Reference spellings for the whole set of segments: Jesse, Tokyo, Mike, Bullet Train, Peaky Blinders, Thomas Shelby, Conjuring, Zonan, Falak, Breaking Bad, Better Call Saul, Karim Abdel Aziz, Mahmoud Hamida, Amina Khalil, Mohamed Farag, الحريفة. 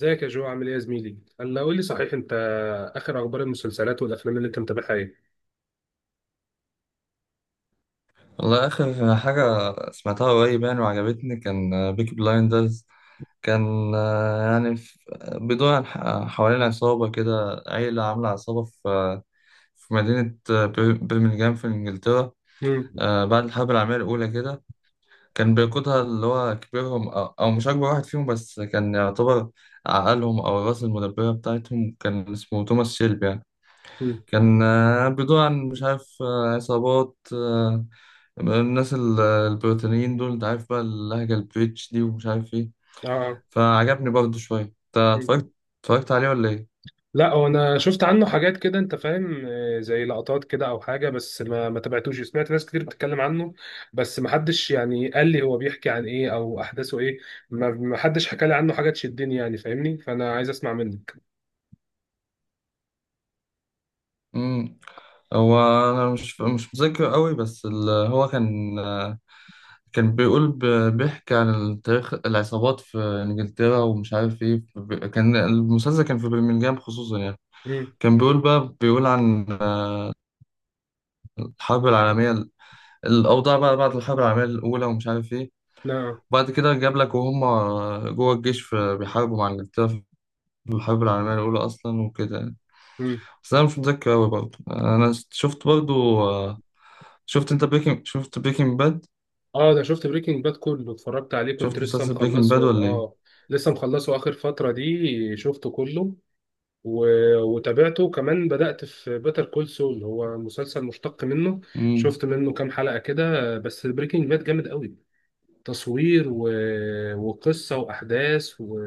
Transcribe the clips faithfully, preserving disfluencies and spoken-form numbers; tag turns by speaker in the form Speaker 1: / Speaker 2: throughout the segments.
Speaker 1: ازيك يا جو، عامل ايه يا زميلي؟ هلا قول لي صحيح، انت اخر اخبار المسلسلات والافلام اللي انت متابعها ايه؟
Speaker 2: والله آخر حاجة سمعتها قريب يعني وعجبتني، كان بيكي بلايندرز. كان آه، يعني في- بيدور عن ح- حوالين عصابة كده، عيلة عاملة عصابة في في مدينة آه، بر- برمنجهام في إنجلترا،
Speaker 1: مم.
Speaker 2: آه، بعد الحرب العالمية الأولى كده. كان بيقودها اللي هو كبيرهم، أو أو مش أكبر واحد فيهم، بس كان يعتبر عقلهم أو الراس المدبرة بتاعتهم، كان اسمه توماس شيلبي يعني.
Speaker 1: مم.
Speaker 2: كان آه، بيدور عن، مش عارف، آه، عصابات، آه، الناس ال- البريطانيين دول، انت عارف بقى اللهجة البريتش دي ومش عارف ايه.
Speaker 1: اه، آه.
Speaker 2: فعجبني برضه شوية. انت
Speaker 1: مم.
Speaker 2: اتفرجت اتفرجت عليه ولا ايه؟
Speaker 1: لا، هو انا شفت عنه حاجات كده، انت فاهم، آه، زي لقطات كده او حاجه، بس ما ما تابعتوش. سمعت ناس كتير بتتكلم عنه، بس ما حدش يعني قال لي هو بيحكي عن ايه او احداثه ايه. ما ما حدش حكى لي عنه حاجه تشدني، يعني فاهمني؟ فانا عايز اسمع منك.
Speaker 2: امم هو انا مش مش متذكر قوي، بس ال- هو كان، آه، كان بيقول ب- بيحكي عن تاريخ العصابات في انجلترا ومش عارف ايه. ب... كان المسلسل كان في برمنجهام خصوصا يعني.
Speaker 1: امم.
Speaker 2: كان بيقول بقى بيقول عن، آه، الحرب العالمية الأوضاع بقى بعد الحرب العالمية الأولى ومش عارف إيه. وبعد كده جاب لك وهم جوه الجيش في بيحاربوا مع إنجلترا في الحرب العالمية الأولى أصلا وكده يعني.
Speaker 1: نعم.
Speaker 2: بس أنا مش متذكر أوي برضه. أنا شفت برضه شفت أنت بريكنج شفت بريكنج باد
Speaker 1: اه، ده شفت بريكنج باد كله، اتفرجت عليه، كنت
Speaker 2: شفت
Speaker 1: لسه
Speaker 2: مسلسل بريكنج باد
Speaker 1: مخلصه
Speaker 2: ولا إيه؟
Speaker 1: اه. لسه مخلصه اخر فترة دي شفته كله و... وتابعته كمان، بدأت في بيتر كول سول، هو مسلسل مشتق منه.
Speaker 2: امم
Speaker 1: شفت منه كام حلقة كده، بس بريكنج باد جامد قوي، تصوير و... وقصة وأحداث و...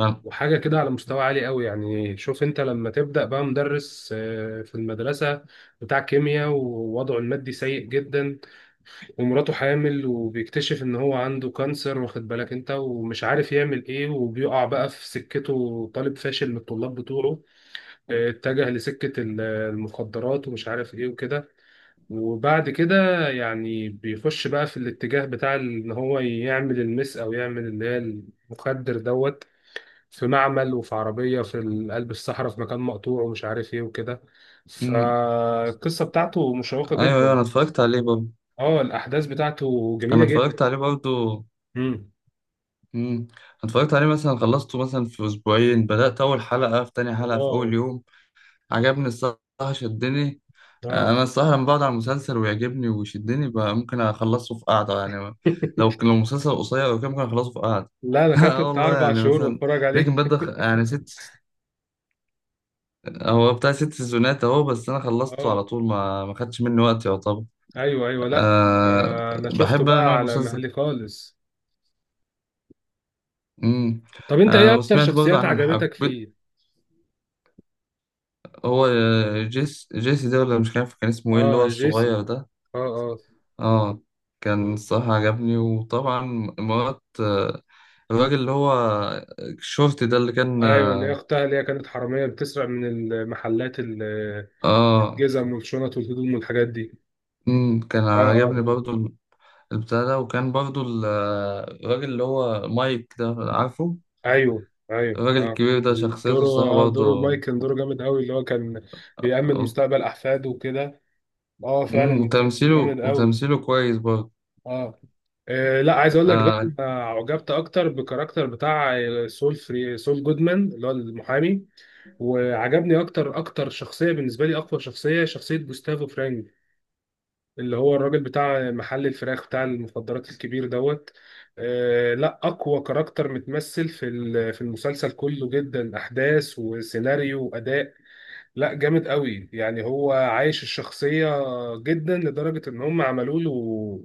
Speaker 2: أنا-
Speaker 1: وحاجة كده على مستوى عالي قوي يعني. شوف انت لما تبدأ بقى مدرس آه، في المدرسة، بتاع كيمياء، ووضعه المادي سيء جدا، ومراته حامل، وبيكتشف ان هو عنده كانسر، واخد بالك انت، ومش عارف يعمل ايه، وبيقع بقى في سكته طالب فاشل من الطلاب بتوعه. اه، اتجه لسكة ال- المخدرات ومش عارف ايه وكده. وبعد كده يعني بيخش بقى في الاتجاه بتاع ال- ان هو يعمل المس، او يعمل اللي هي المخدر دوت، في معمل وفي عربية في ال- قلب الصحراء، في مكان مقطوع ومش عارف ايه وكده.
Speaker 2: امم
Speaker 1: فالقصة بتاعته مشوقة
Speaker 2: أيوه، أيوه،
Speaker 1: جدا.
Speaker 2: أنا اتفرجت عليه برضه.
Speaker 1: اه، الأحداث بتاعته جميلة
Speaker 2: أنا
Speaker 1: جدا.
Speaker 2: اتفرجت عليه برضه.
Speaker 1: مم.
Speaker 2: امم أنا اتفرجت عليه، مثلا خلصته مثلا في أسبوعين، بدأت أول حلقة في تاني حلقة في
Speaker 1: واو.
Speaker 2: أول يوم. عجبني الصراحة، شدني.
Speaker 1: اه.
Speaker 2: انا الصراحه لما بقعد على المسلسل ويعجبني ويشدني بقى، ممكن اخلصه في قعده يعني. لو لو مسلسل قصير او كده، ممكن اخلصه في قعده.
Speaker 1: لا، انا خدت
Speaker 2: اه،
Speaker 1: بتاع
Speaker 2: والله
Speaker 1: اربع
Speaker 2: يعني
Speaker 1: شهور
Speaker 2: مثلا،
Speaker 1: بتفرج عليه.
Speaker 2: لكن بدا يعني ست هو بتاع ست سيزونات اهو، بس انا خلصته
Speaker 1: اه.
Speaker 2: على طول، ما ما خدش مني وقت يعتبر.
Speaker 1: ايوه ايوه، لا.
Speaker 2: أه،
Speaker 1: آه، انا شفته
Speaker 2: بحب انا
Speaker 1: بقى
Speaker 2: نوع
Speaker 1: على
Speaker 2: المسلسل.
Speaker 1: مهلي خالص.
Speaker 2: امم
Speaker 1: طب انت ايه
Speaker 2: أه،
Speaker 1: اكتر
Speaker 2: وسمعت برضه
Speaker 1: شخصيات
Speaker 2: عن حب،
Speaker 1: عجبتك فيه؟
Speaker 2: هو آه، جيس جيسي ده، ولا مش عارف كان اسمه ايه، اللي
Speaker 1: اه،
Speaker 2: هو
Speaker 1: جيسي.
Speaker 2: الصغير ده.
Speaker 1: اه اه.
Speaker 2: اه، كان الصراحة عجبني. وطبعا مرات، آه، الراجل اللي هو الشورت ده اللي كان.
Speaker 1: ايوه، اللي هي اختها، اللي هي كانت حراميه بتسرق من المحلات ال-
Speaker 2: اه
Speaker 1: الجزم والشنط والهدوم والحاجات دي.
Speaker 2: امم كان
Speaker 1: اه اه
Speaker 2: عجبني
Speaker 1: اه.
Speaker 2: برضو البتاع ده. وكان برضو ال- الراجل اللي هو مايك ده، عارفه،
Speaker 1: ايوه ايوه
Speaker 2: الراجل
Speaker 1: اه.
Speaker 2: الكبير ده، شخصيته
Speaker 1: دوره.
Speaker 2: الصراحة
Speaker 1: اه، دوره
Speaker 2: برضو.
Speaker 1: مايك كان دوره جامد قوي، اللي هو كان بيأمن مستقبل احفاده وكده. اه
Speaker 2: امم
Speaker 1: فعلا كان
Speaker 2: وتمثيله
Speaker 1: جامد قوي.
Speaker 2: وتمثيله كويس برضو.
Speaker 1: اه، آه، لا، عايز اقول لك بقى،
Speaker 2: آه،
Speaker 1: أنا عجبت اكتر بالكاركتر بتاع سول فري سول جودمان، اللي هو المحامي. وعجبني اكتر اكتر، شخصيه بالنسبه لي اقوى شخصيه، شخصيه جوستافو فرانك، اللي هو الراجل بتاع محل الفراخ بتاع المخدرات الكبير دوت. آه، لا، اقوى كاركتر متمثل في ال- في المسلسل كله، جدا احداث وسيناريو واداء. لا، جامد قوي، يعني هو عايش الشخصية جدا لدرجة ان هم عملوا له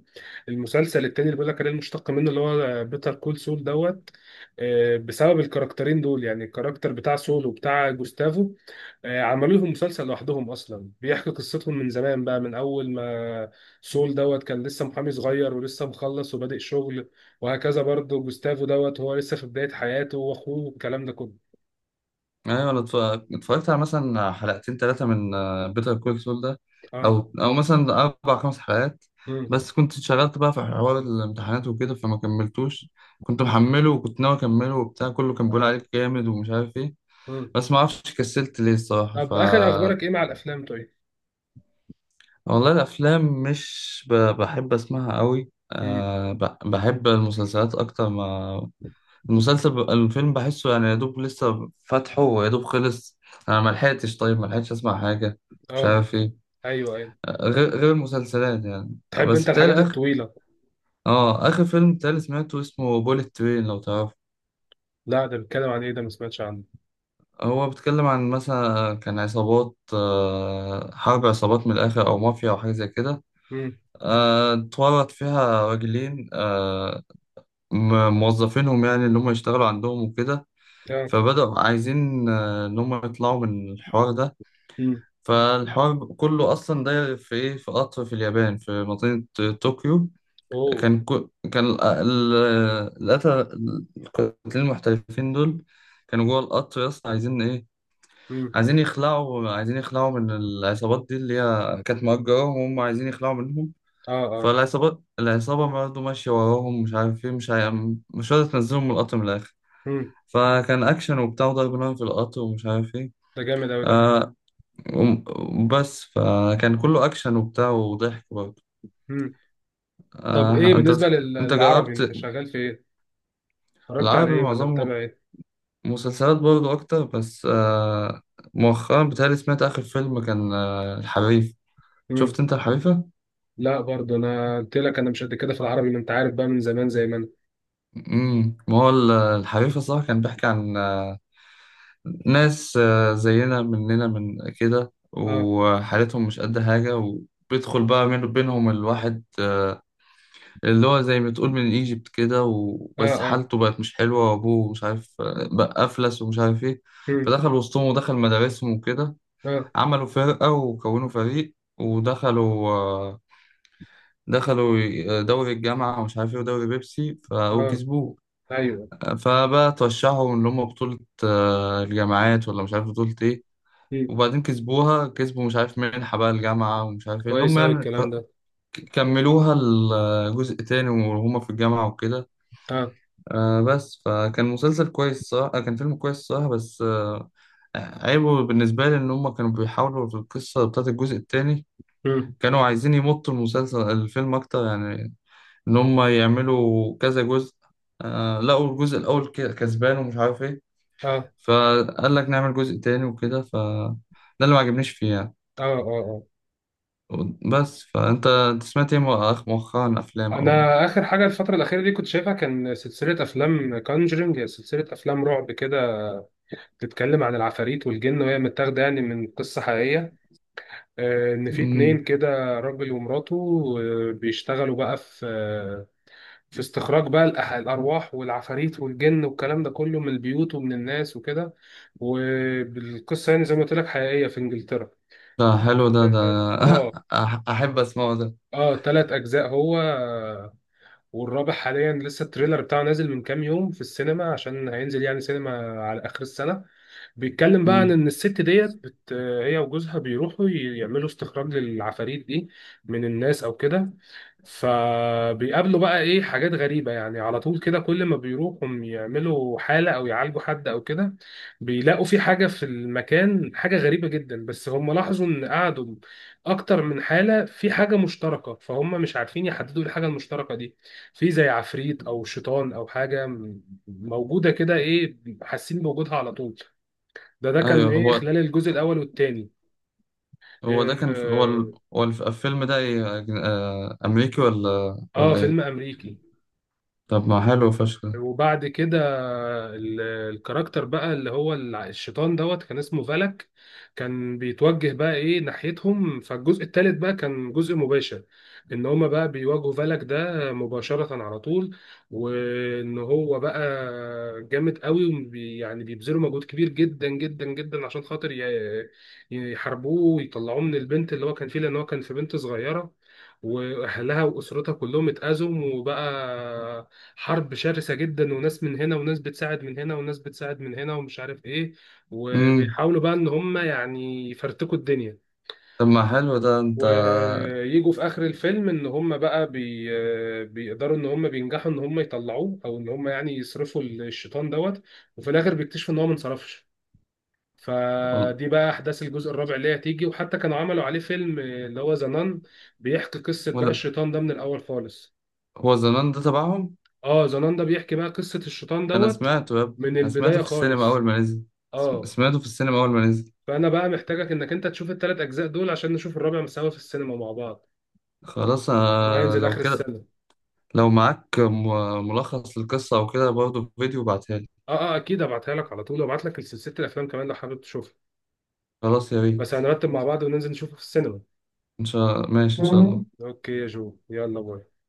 Speaker 1: المسلسل التاني اللي بيقول لك عليه، المشتق منه، اللي هو بيتر كول سول دوت. آه، بسبب الكاركترين دول، يعني الكاركتر بتاع سول وبتاع جوستافو، آه، عملوا لهم مسلسل لوحدهم اصلا، بيحكي قصتهم من زمان بقى، من اول ما سول دوت كان لسه محامي صغير ولسه مخلص وبادئ شغل. وهكذا برضه جوستافو دوت، هو لسه في بداية حياته واخوه والكلام ده كله.
Speaker 2: ايوه، انا اتف- اتفرجت على مثلا حلقتين ثلاثه من بيتر كول سول ده،
Speaker 1: اه.
Speaker 2: او او مثلا اربع خمس حلقات.
Speaker 1: مم.
Speaker 2: بس كنت اتشغلت بقى في حوار الامتحانات وكده، فما كملتوش. كنت محمله وكنت ناوي اكمله، وبتاع كله كان بيقول
Speaker 1: آه.
Speaker 2: عليك جامد ومش عارف ايه.
Speaker 1: مم.
Speaker 2: بس ما اعرفش كسلت ليه الصراحه. ف،
Speaker 1: طب اخر اخبارك ايه مع الافلام طيب؟
Speaker 2: والله الافلام مش ب... بحب اسمعها قوي،
Speaker 1: امم.
Speaker 2: أه ب... بحب المسلسلات اكتر ما المسلسل. ب... الفيلم بحسه يعني يا دوب لسه فاتحه ويا دوب خلص. انا ما لحقتش، طيب ما لحقتش اسمع حاجه، مش
Speaker 1: اه،
Speaker 2: عارف ايه،
Speaker 1: ايوه ايوه.
Speaker 2: آه، غير غير المسلسلات يعني. آه،
Speaker 1: تحب
Speaker 2: بس
Speaker 1: انت الحاجات
Speaker 2: بتهيألي اخر،
Speaker 1: الطويله؟
Speaker 2: اه، اخر فيلم بتهيألي سمعته اسمه بوليت ترين، لو تعرفه.
Speaker 1: لا، ده بيتكلم عن ايه ده؟ ما سمعتش عنه.
Speaker 2: هو بيتكلم عن، مثلا كان عصابات، آه، حرب عصابات من الاخر، او مافيا او حاجه زي كده.
Speaker 1: امم.
Speaker 2: آه، اتورط فيها راجلين، آه، م- موظفينهم يعني، اللي هم يشتغلوا عندهم وكده.
Speaker 1: اه.
Speaker 2: فبدأوا عايزين آه، إن هم يطلعوا من الحوار ده.
Speaker 1: امم.
Speaker 2: فالحوار بيبقى كله اصلا داير في ايه، في قطر في اليابان في مدينة طوكيو.
Speaker 1: اوه.
Speaker 2: كان كو كان ال- ال- القتلة القاتلين المحترفين دول كانوا جوه القطر، يا اسطى عايزين ايه،
Speaker 1: امم.
Speaker 2: عايزين يخلعوا عايزين يخلعوا من العصابات دي، اللي هي كانت مأجراهم، وهم عايزين يخلعوا منهم.
Speaker 1: اه اه.
Speaker 2: فالعصابات العصابة برضه ماشية وراهم، مش عارف ايه، مش عارف، مش راضية تنزلهم من القطر من الآخر.
Speaker 1: امم.
Speaker 2: فكان أكشن وبتاع وضرب نار في القطر ومش عارف ايه.
Speaker 1: ده جامد اوي ده.
Speaker 2: آه، وم- بس فكان كله أكشن وبتاع وضحك برضه.
Speaker 1: امم. طب ايه
Speaker 2: آه أنت
Speaker 1: بالنسبه
Speaker 2: بتح...
Speaker 1: لل-
Speaker 2: أنت
Speaker 1: للعربي،
Speaker 2: جربت
Speaker 1: انت شغال في ايه؟ اتفرجت على
Speaker 2: العربي؟
Speaker 1: ايه ولا
Speaker 2: معظمه
Speaker 1: متابع ايه؟
Speaker 2: مسلسلات برضه أكتر، بس آه مؤخرا بتهيألي سمعت آخر فيلم كان، آه الحريف.
Speaker 1: امم.
Speaker 2: شفت أنت الحريفة؟
Speaker 1: لا، برضه انا قلت لك، انا مش قد كده في العربي، ما انت عارف بقى، من زمان زي ما انا.
Speaker 2: امم ما هو ال- الحريفة، صح، كان بيحكي عن آه ناس، آه زينا مننا من كده،
Speaker 1: اه
Speaker 2: وحالتهم مش قد حاجة، وبيدخل بقى من بينهم الواحد، آه، اللي هو زي ما تقول من ايجيبت كده،
Speaker 1: اه
Speaker 2: وبس
Speaker 1: اه.
Speaker 2: حالته بقت مش حلوة وابوه مش عارف، بقى افلس ومش عارف ايه،
Speaker 1: امم.
Speaker 2: فدخل وسطهم ودخل مدارسهم وكده.
Speaker 1: اه
Speaker 2: عملوا فرقة وكونوا فريق، ودخلوا آه، دخلوا دوري الجامعة ومش عارف ايه ودوري بيبسي، ف-
Speaker 1: اه.
Speaker 2: وكسبوه.
Speaker 1: ايوه.
Speaker 2: فبقى ترشحوا ان هم بطولة آه، الجامعات ولا مش عارف بطولة ايه،
Speaker 1: امم.
Speaker 2: وبعدين كسبوها، كسبوا مش عارف منحة بقى الجامعة ومش عارف ايه اللي
Speaker 1: كويس
Speaker 2: هم
Speaker 1: اوي
Speaker 2: يعني
Speaker 1: الكلام
Speaker 2: ك-
Speaker 1: ده.
Speaker 2: كملوها الجزء تاني وهم في الجامعة وكده.
Speaker 1: اه.
Speaker 2: آه بس فكان مسلسل كويس، صح، آه كان فيلم كويس، صح، بس آه عيبه بالنسبة لي إن هما كانوا بيحاولوا في القصة بتاعت الجزء التاني،
Speaker 1: امم.
Speaker 2: كانوا عايزين يمطوا المسلسل الفيلم أكتر يعني، إن هما يعملوا كذا جزء. آه لقوا الجزء الأول ك- كسبان ومش عارف إيه،
Speaker 1: اه
Speaker 2: فقال لك نعمل جزء تاني وكده. ف، ده اللي ما عجبنيش فيه يعني.
Speaker 1: اه اه.
Speaker 2: بس، فأنت أنت سمعت إيه مؤخ- مؤخرا أفلام أول؟
Speaker 1: انا اخر حاجه الفتره الاخيره دي كنت شايفها كان سلسله افلام كونجرينج، سلسله افلام رعب كده، بتتكلم عن العفاريت والجن وهي متاخده يعني من قصه حقيقيه. آه، ان في
Speaker 2: مم.
Speaker 1: اتنين كده، راجل ومراته، آه، بيشتغلوا بقى في آه، في استخراج بقى الأح- الارواح والعفاريت والجن والكلام ده كله، من البيوت ومن الناس وكده. والقصه يعني زي ما قلت لك حقيقيه في انجلترا.
Speaker 2: ده حلو ده ده
Speaker 1: اه.
Speaker 2: أح- أحب أسمعه ده.
Speaker 1: اه، ثلاث اجزاء هو آه، والرابع حاليا لسه التريلر بتاعه نازل من كام يوم في السينما عشان هينزل يعني سينما على آخر السنة. بيتكلم بقى عن
Speaker 2: مم.
Speaker 1: ان الست ديت بت... هي وجوزها بيروحوا ي- يعملوا استخراج للعفاريت دي من الناس او كده. فبيقابلوا بقى ايه حاجات غريبة يعني على طول كده، كل ما بيروحوا يعملوا حالة او يعالجوا حد او كده، بيلاقوا في حاجة في المكان، حاجة غريبة جدا. بس هم لاحظوا ان قعدوا اكتر من حالة في حاجة مشتركة، فهم مش عارفين يحددوا إيه الحاجة المشتركة دي. في زي عفريت او شيطان او حاجة م- موجودة كده ايه، حاسين بوجودها على طول. ده ده كان
Speaker 2: ايوه،
Speaker 1: ايه
Speaker 2: هو
Speaker 1: خلال الجزء الاول والثاني.
Speaker 2: هو
Speaker 1: اه،
Speaker 2: ده كان، هو
Speaker 1: آه،
Speaker 2: ال... هو الف- الفيلم ده إيه؟ آه، أمريكي ولا
Speaker 1: آه،
Speaker 2: ولا إيه؟
Speaker 1: فيلم امريكي.
Speaker 2: طب ما حلو فشخ ده.
Speaker 1: وبعد كده ال- الكاركتر بقى اللي هو الع- الشيطان دوت كان اسمه فالك، كان بيتوجه بقى ايه ناحيتهم. فالجزء الثالث بقى كان جزء مباشر، ان هما بقى بيواجهوا فالك ده مباشرة على طول، وان هو بقى جامد قوي، وبي يعني بيبذلوا مجهود كبير جدا جدا جدا عشان خاطر ي- يحاربوه ويطلعوه من البنت اللي هو كان فيه، لان هو كان في بنت صغيرة، واهلها واسرتها كلهم اتأذوا، وبقى حرب شرسة جدا، وناس من هنا وناس بتساعد من هنا وناس بتساعد من هنا ومش عارف ايه،
Speaker 2: امم
Speaker 1: وبيحاولوا بقى ان هم يعني يفرتكوا الدنيا.
Speaker 2: طب ما حلو ده. أنت
Speaker 1: ويجوا في اخر الفيلم ان هم بقى بي... بيقدروا ان هم بينجحوا ان هم يطلعوه، او ان هم يعني يصرفوا الشيطان دوت. وفي الاخر بيكتشفوا ان هو ما انصرفش.
Speaker 2: وال-
Speaker 1: فدي بقى احداث الجزء الرابع اللي هي هتيجي، وحتى كانوا عملوا عليه فيلم اللي هو زنان، بيحكي قصة بقى
Speaker 2: ولا
Speaker 1: الشيطان ده من الاول خالص.
Speaker 2: هو زمان ده تبعهم؟
Speaker 1: اه، زنان ده بيحكي بقى قصة الشيطان
Speaker 2: ده أنا
Speaker 1: دوت
Speaker 2: سمعته يا ابني،
Speaker 1: من
Speaker 2: أنا سمعته
Speaker 1: البداية
Speaker 2: في السينما
Speaker 1: خالص.
Speaker 2: أول ما نزل. سم-
Speaker 1: اه،
Speaker 2: سمعته في السينما أول ما نزل.
Speaker 1: فأنا بقى محتاجك إنك أنت تشوف التلات أجزاء دول عشان نشوف الرابع سوا في السينما مع بعض،
Speaker 2: خلاص،
Speaker 1: إن هو
Speaker 2: أنا
Speaker 1: هينزل
Speaker 2: لو
Speaker 1: آخر
Speaker 2: كده،
Speaker 1: السنة.
Speaker 2: لو معاك م- ملخص للقصة أو كده برضه فيديو، بعتها لي.
Speaker 1: اه اه، أكيد هبعتها لك على طول، وأبعت لك سلسلة الأفلام كمان لو حابب تشوفها.
Speaker 2: خلاص يا
Speaker 1: بس
Speaker 2: ريت.
Speaker 1: هنرتب مع بعض وننزل نشوفه في السينما.
Speaker 2: إن شاء الله، ماشي إن شاء
Speaker 1: مم.
Speaker 2: الله.
Speaker 1: أوكي يا جو، يلا باي.